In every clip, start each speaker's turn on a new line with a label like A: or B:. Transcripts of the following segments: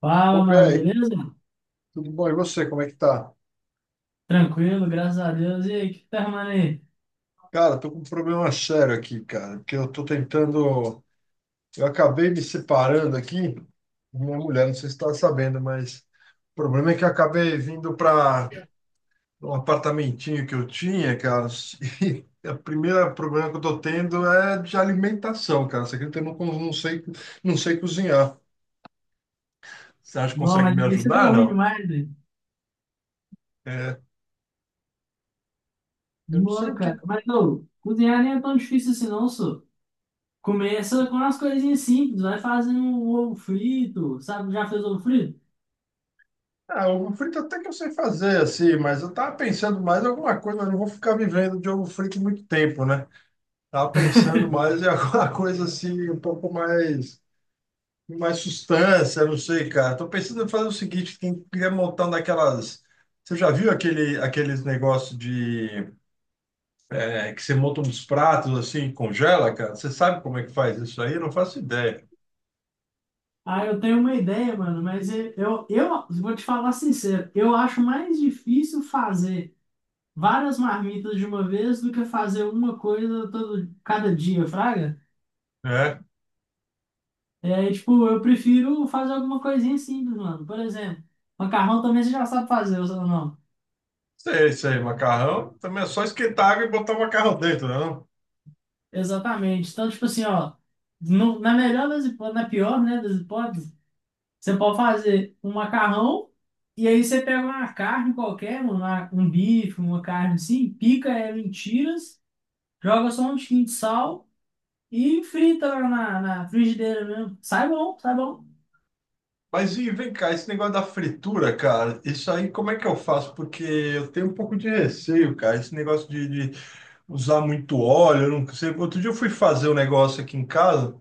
A: Fala,
B: Ô,
A: mano,
B: Pé,
A: beleza?
B: tudo bom? E você, como é que tá?
A: Tranquilo, graças a Deus. E aí, o que tá arrumando aí?
B: Cara, tô com um problema sério aqui, cara, porque eu tô tentando. Eu acabei me separando aqui, minha mulher, não sei se tá sabendo, mas o problema é que eu acabei vindo para um apartamentinho que eu tinha, cara, e o primeiro problema que eu tô tendo é de alimentação, cara. Você acredita que eu não, não sei cozinhar? Você acha que
A: Não,
B: consegue
A: mas
B: me
A: isso deu
B: ajudar?
A: ruim
B: Não.
A: demais, velho.
B: É, eu não sei
A: Não,
B: o que
A: cara. Mas, ô, cozinhar nem é tão difícil assim, não, só. Começa com umas coisinhas simples, vai fazendo um ovo frito, sabe? Já fez ovo frito?
B: Ah, ovo frito até que eu sei fazer, assim, mas eu tava pensando mais em alguma coisa, mas não vou ficar vivendo de ovo frito muito tempo, né? Tava pensando mais em alguma coisa assim, um pouco mais, mais sustância, não sei, cara. Tô pensando em fazer o seguinte, tem queria montar um daquelas. Você já viu aquele, aqueles negócios de que você monta uns pratos assim, e congela, cara? Você sabe como é que faz isso aí? Eu não faço ideia,
A: Ah, eu tenho uma ideia, mano, mas eu vou te falar sincero, eu acho mais difícil fazer várias marmitas de uma vez do que fazer uma coisa todo, cada dia, fraga?
B: né?
A: É, tipo, eu prefiro fazer alguma coisinha simples, mano. Por exemplo, macarrão também você já sabe fazer, ou não?
B: Sei, sei, macarrão também é só esquentar água e botar o macarrão dentro, né? Não?
A: Exatamente. Então, tipo assim, ó, na melhor das hipóteses, na pior, né, das hipóteses, você pode fazer um macarrão e aí você pega uma carne qualquer, uma, um bife, uma carne assim, pica ela em tiras, joga só um tiquinho de sal e frita lá na, na frigideira mesmo. Sai bom, sai bom.
B: Mas e vem cá, esse negócio da fritura, cara, isso aí como é que eu faço? Porque eu tenho um pouco de receio, cara, esse negócio de usar muito óleo, eu não sei. Outro dia eu fui fazer um negócio aqui em casa,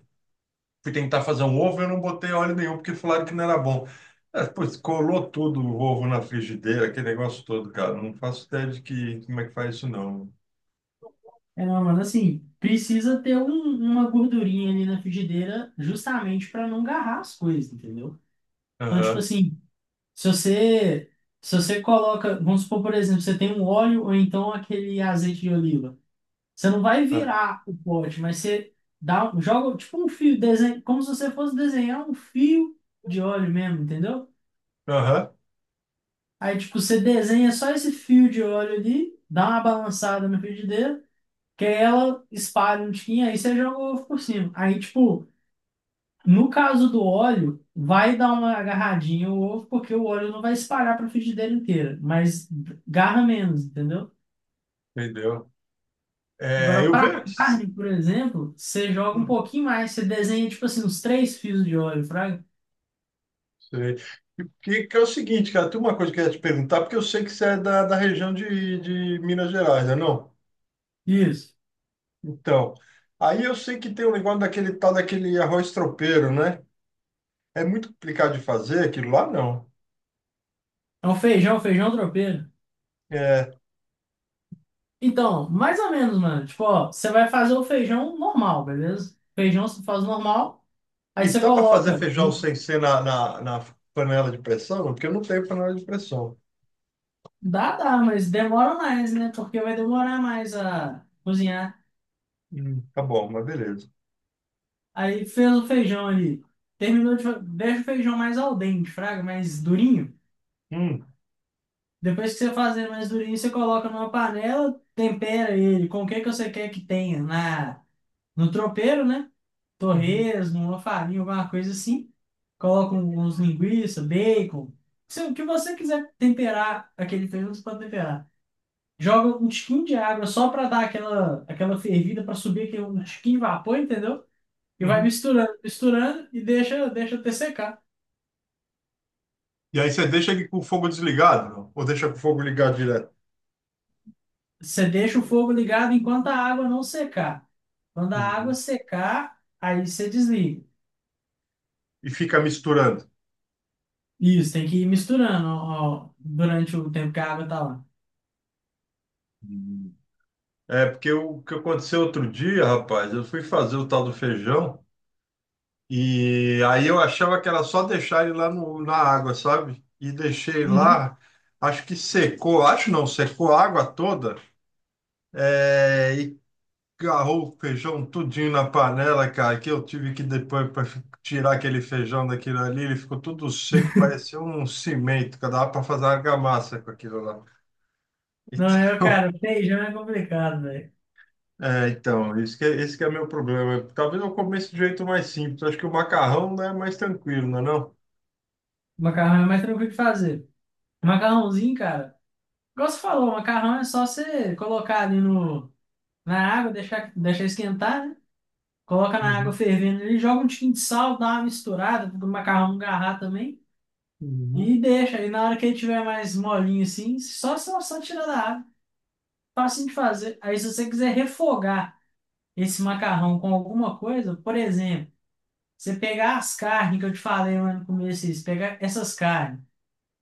B: fui tentar fazer um ovo, eu não botei óleo nenhum, porque falaram que não era bom. É, pois, colou tudo o ovo na frigideira, aquele negócio todo, cara. Não faço ideia de que, como é que faz isso, não.
A: É, não, mano, assim, precisa ter uma gordurinha ali na frigideira justamente para não agarrar as coisas, entendeu? Então, tipo
B: Aham,
A: assim, se você se você coloca, vamos supor, por exemplo, você tem um óleo ou então aquele azeite de oliva, você não vai
B: ah,
A: virar o pote, mas você dá, joga tipo um fio, desenha, como se você fosse desenhar um fio de óleo mesmo, entendeu?
B: aham,
A: Aí, tipo, você desenha só esse fio de óleo ali, dá uma balançada na frigideira, que ela espalha um tiquinho, aí você joga o ovo por cima. Aí, tipo, no caso do óleo, vai dar uma agarradinha o ovo, porque o óleo não vai espalhar para a frigideira inteira, mas garra menos, entendeu?
B: entendeu? É,
A: Agora,
B: eu
A: para
B: vejo.
A: carne, por exemplo, você joga um pouquinho mais, você desenha, tipo assim, uns três fios de óleo, fraga.
B: Sei. E que é o seguinte, cara, tem uma coisa que eu ia te perguntar, porque eu sei que você é da região de Minas Gerais, não é não?
A: Isso.
B: Então, aí eu sei que tem um negócio daquele tal daquele arroz tropeiro, né? É muito complicado de fazer, aquilo lá não.
A: É um feijão, feijão tropeiro.
B: É,
A: Então, mais ou menos, mano. Tipo, ó, você vai fazer o feijão normal, beleza? Feijão você faz normal, aí
B: e
A: você
B: dá para fazer
A: coloca.
B: feijão sem ser na panela de pressão? Porque eu não tenho panela de pressão.
A: Dá, dá, mas demora mais, né? Porque vai demorar mais a cozinhar.
B: Tá bom, mas beleza.
A: Aí fez o feijão ali. Deixa o feijão mais al dente, fraga, mais durinho.
B: Hum,
A: Depois que você fazer mais durinho, você coloca numa panela, tempera ele com o que que você quer que tenha na, no tropeiro, né?
B: uhum,
A: Torresmo, uma farinha, alguma coisa assim. Coloca uns linguiça, bacon. Se, o que você quiser temperar aquele feijão, você pode temperar. Joga um tiquinho de água só para dar aquela fervida para subir aquele um tiquinho de vapor, entendeu? E vai
B: uhum.
A: misturando, misturando e deixa, deixa até secar.
B: E aí você deixa ele com o fogo desligado, não? Ou deixa com o fogo ligado direto?
A: Você deixa o fogo ligado enquanto a água não secar. Quando a água
B: Uhum.
A: secar, aí você desliga.
B: E fica misturando?
A: Isso, tem que ir misturando ó, ó, durante o tempo que a água tá lá.
B: Hum. É, porque o que aconteceu outro dia, rapaz, eu fui fazer o tal do feijão e aí eu achava que era só deixar ele lá na água, sabe? E deixei
A: Uhum.
B: lá, acho que secou, acho não, secou a água toda, e agarrou o feijão tudinho na panela, cara, que eu tive que depois para tirar aquele feijão daquilo ali, ele ficou tudo seco, parecia um cimento, que dava para fazer argamassa com aquilo lá.
A: Não, eu,
B: Então,
A: cara, feijão é complicado, velho.
B: então, esse que é meu problema. Talvez eu comece de jeito mais simples. Acho que o macarrão, né, é mais tranquilo, não é não?
A: Macarrão é mais tranquilo de fazer. Macarrãozinho, cara. Igual você falou, macarrão é só você colocar ali no, na água, deixar, deixar esquentar, né? Coloca na água
B: Uhum,
A: fervendo ali, joga um tiquinho de sal, dá uma misturada, do macarrão no garra também.
B: uhum,
A: E deixa. Aí na hora que ele tiver mais molinho assim, só tira da água. Fácil de fazer. Aí se você quiser refogar esse macarrão com alguma coisa, por exemplo, você pegar as carnes que eu te falei lá no começo, isso, pegar essas carnes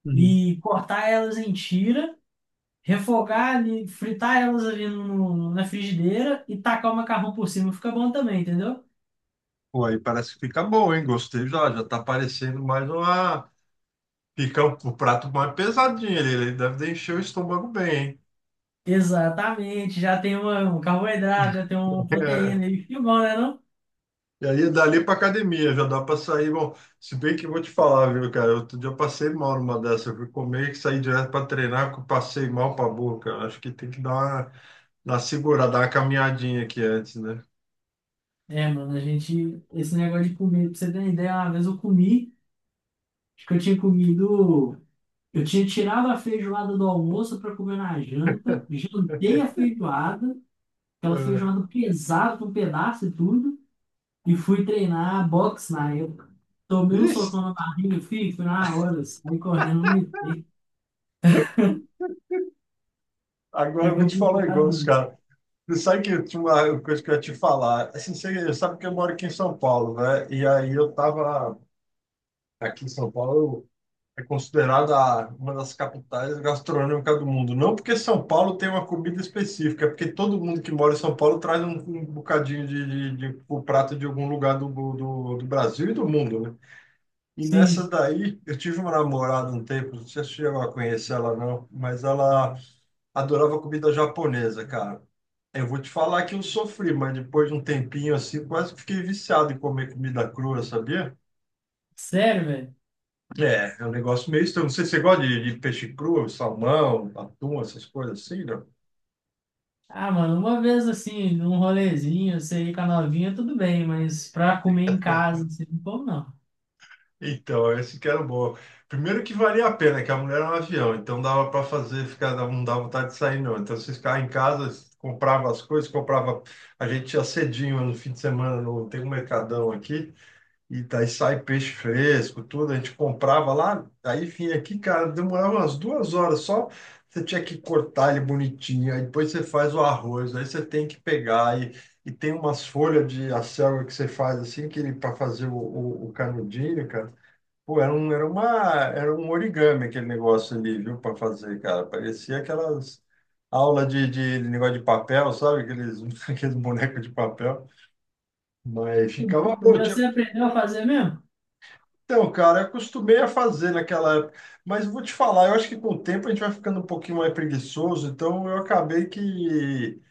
B: uhum.
A: e cortar elas em tira, refogar ali, fritar elas ali na frigideira e tacar o macarrão por cima, fica bom também, entendeu?
B: Pô, aí parece que fica bom, hein? Gostei já, já tá parecendo mais uma. Fica um prato mais pesadinho, ele deve encher o estômago bem, hein?
A: Exatamente, já tem uma, um carboidrato, já tem uma
B: É,
A: proteína e que bom, né, não?
B: e aí, é dali pra academia, já dá pra sair. Bom, se bem que eu vou te falar, viu, cara? Outro dia eu passei mal numa dessa. Eu fui comer e saí direto pra treinar, que eu passei mal pra boca. Acho que tem que dar uma segurada, dá uma caminhadinha aqui antes, né?
A: É, mano, a gente, esse negócio de comer, pra você ter uma ideia, uma vez eu comi, acho que eu tinha comido, eu tinha tirado a feijoada do almoço pra comer na janta, jantei a feijoada, aquela
B: Ah,
A: feijoada pesada com pedaço e tudo, e fui treinar boxe na época. Tomei um
B: ixi,
A: socão na barriga, filho, fui na hora, saí correndo, não me dei. É
B: agora eu vou te falar um
A: complicado,
B: negócio,
A: mano.
B: cara. Você sabe que eu tinha uma coisa que eu ia te falar. Assim, você sabe que eu moro aqui em São Paulo, né? E aí eu tava aqui em São Paulo, é considerada uma das capitais gastronômicas do mundo. Não porque São Paulo tem uma comida específica, é porque todo mundo que mora em São Paulo traz um bocadinho o prato de algum lugar do Brasil e do mundo, né? E nessa
A: Sim,
B: daí, eu tive uma namorada um tempo, não sei se você chegou a conhecer ela não, mas ela adorava comida japonesa, cara. Eu vou te falar que eu sofri, mas depois de um tempinho assim, quase que fiquei viciado em comer comida crua, sabia?
A: sério, velho.
B: É, é um negócio meio estranho. Não sei se você gosta de peixe cru, salmão, atum, essas coisas assim, né?
A: Ah, mano, uma vez assim, num rolezinho, você ir com a novinha, tudo bem, mas pra comer em casa, assim, pô, não.
B: Então, esse que era o bom. Primeiro que valia a pena, que a mulher era um avião, então dava para fazer, ficar, não dava vontade de sair, não. Então, você ficava em casa, comprava as coisas, comprava. A gente ia cedinho no fim de semana, no, tem um mercadão aqui, e daí sai peixe fresco, tudo. A gente comprava lá, aí vinha aqui, cara, demorava umas 2 horas só. Você tinha que cortar ele bonitinho, aí depois você faz o arroz, aí você tem que pegar, e tem umas folhas de acelga que você faz assim, que ele para fazer o canudinho, cara. Pô, era um origami aquele negócio ali, viu, para fazer, cara. Parecia aquelas aulas de negócio de papel, sabe? Aqueles, aqueles bonecos de papel. Mas ficava
A: Comer
B: bom. Tinha.
A: você aprendeu a fazer mesmo?
B: Então, cara, eu acostumei a fazer naquela época. Mas vou te falar, eu acho que com o tempo a gente vai ficando um pouquinho mais preguiçoso. Então, eu acabei que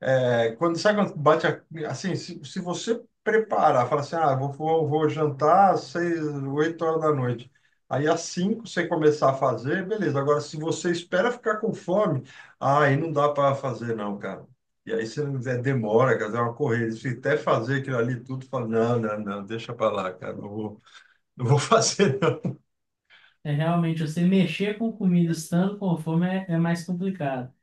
B: Quando, sabe quando bate assim, se você preparar, fala assim, ah, vou jantar às 6, 8 horas da noite. Aí às 5 você começar a fazer, beleza. Agora, se você espera ficar com fome, ah, aí não dá para fazer não, cara. E aí você demora, cara, é uma corrida. Se até fazer aquilo ali tudo, fala, não, não, não, deixa para lá, cara, não vou fazer não.
A: É realmente, você mexer com comida estando com fome é, é mais complicado.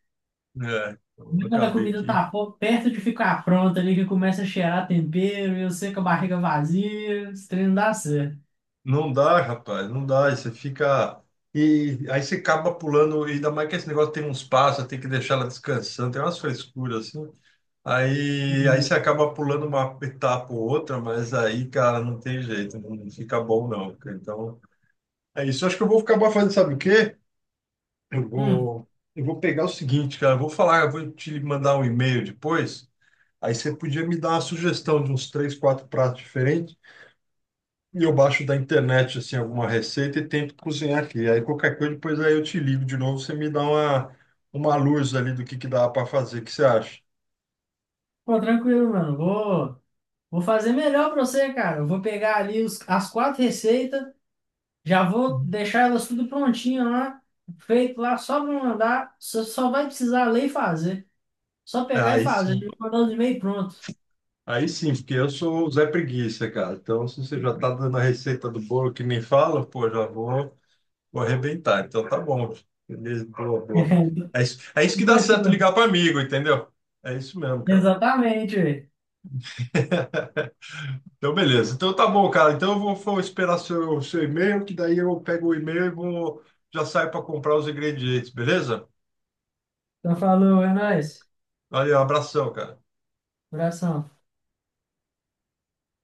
B: É, então, eu
A: E quando a
B: acabei
A: comida
B: que.
A: tá perto de ficar pronta ali, que começa a cheirar tempero, e você com a barriga vazia, esse trem não dá certo.
B: Não dá, rapaz, não dá. Aí você fica. E aí você acaba pulando, e ainda mais que esse negócio tem uns passos, tem que deixar ela descansando, tem umas frescuras assim. Aí, você
A: E,
B: acaba pulando uma etapa ou outra, mas aí, cara, não tem jeito, não fica bom não, cara. Então, é isso. Eu acho que eu vou acabar fazendo, sabe o quê? Eu
A: hum,
B: vou, eu vou pegar o seguinte, cara, eu vou falar, eu vou te mandar um e-mail depois. Aí você podia me dar uma sugestão de uns três, quatro pratos diferentes. E eu baixo da internet assim alguma receita e tento cozinhar aqui. Aí qualquer coisa depois aí eu te ligo de novo, você me dá uma luz ali do que dá para fazer, o que você acha?
A: Pô, tranquilo, mano, vou fazer melhor pra você, cara. Eu vou pegar ali as quatro receitas. Já vou
B: Uhum.
A: deixar elas tudo prontinho lá, feito lá, só para mandar. Você só vai precisar ler e fazer. Só pegar e
B: Aí
A: fazer, já
B: sim.
A: mandar os e-mail pronto.
B: Aí sim, porque eu sou o Zé Preguiça, cara. Então, se você já tá dando a receita do bolo que nem fala, pô, já vou arrebentar. Então, tá bom. Beleza, boa, boa. É isso que dá certo
A: Fechou.
B: ligar para amigo, entendeu? É isso mesmo, cara.
A: Exatamente, velho.
B: Então, beleza. Então, tá bom, cara. Então, eu vou esperar seu e-mail, que daí eu pego o e-mail e vou, já saio para comprar os ingredientes, beleza?
A: Então falou, é nóis.
B: Valeu, abração, cara.
A: Abração.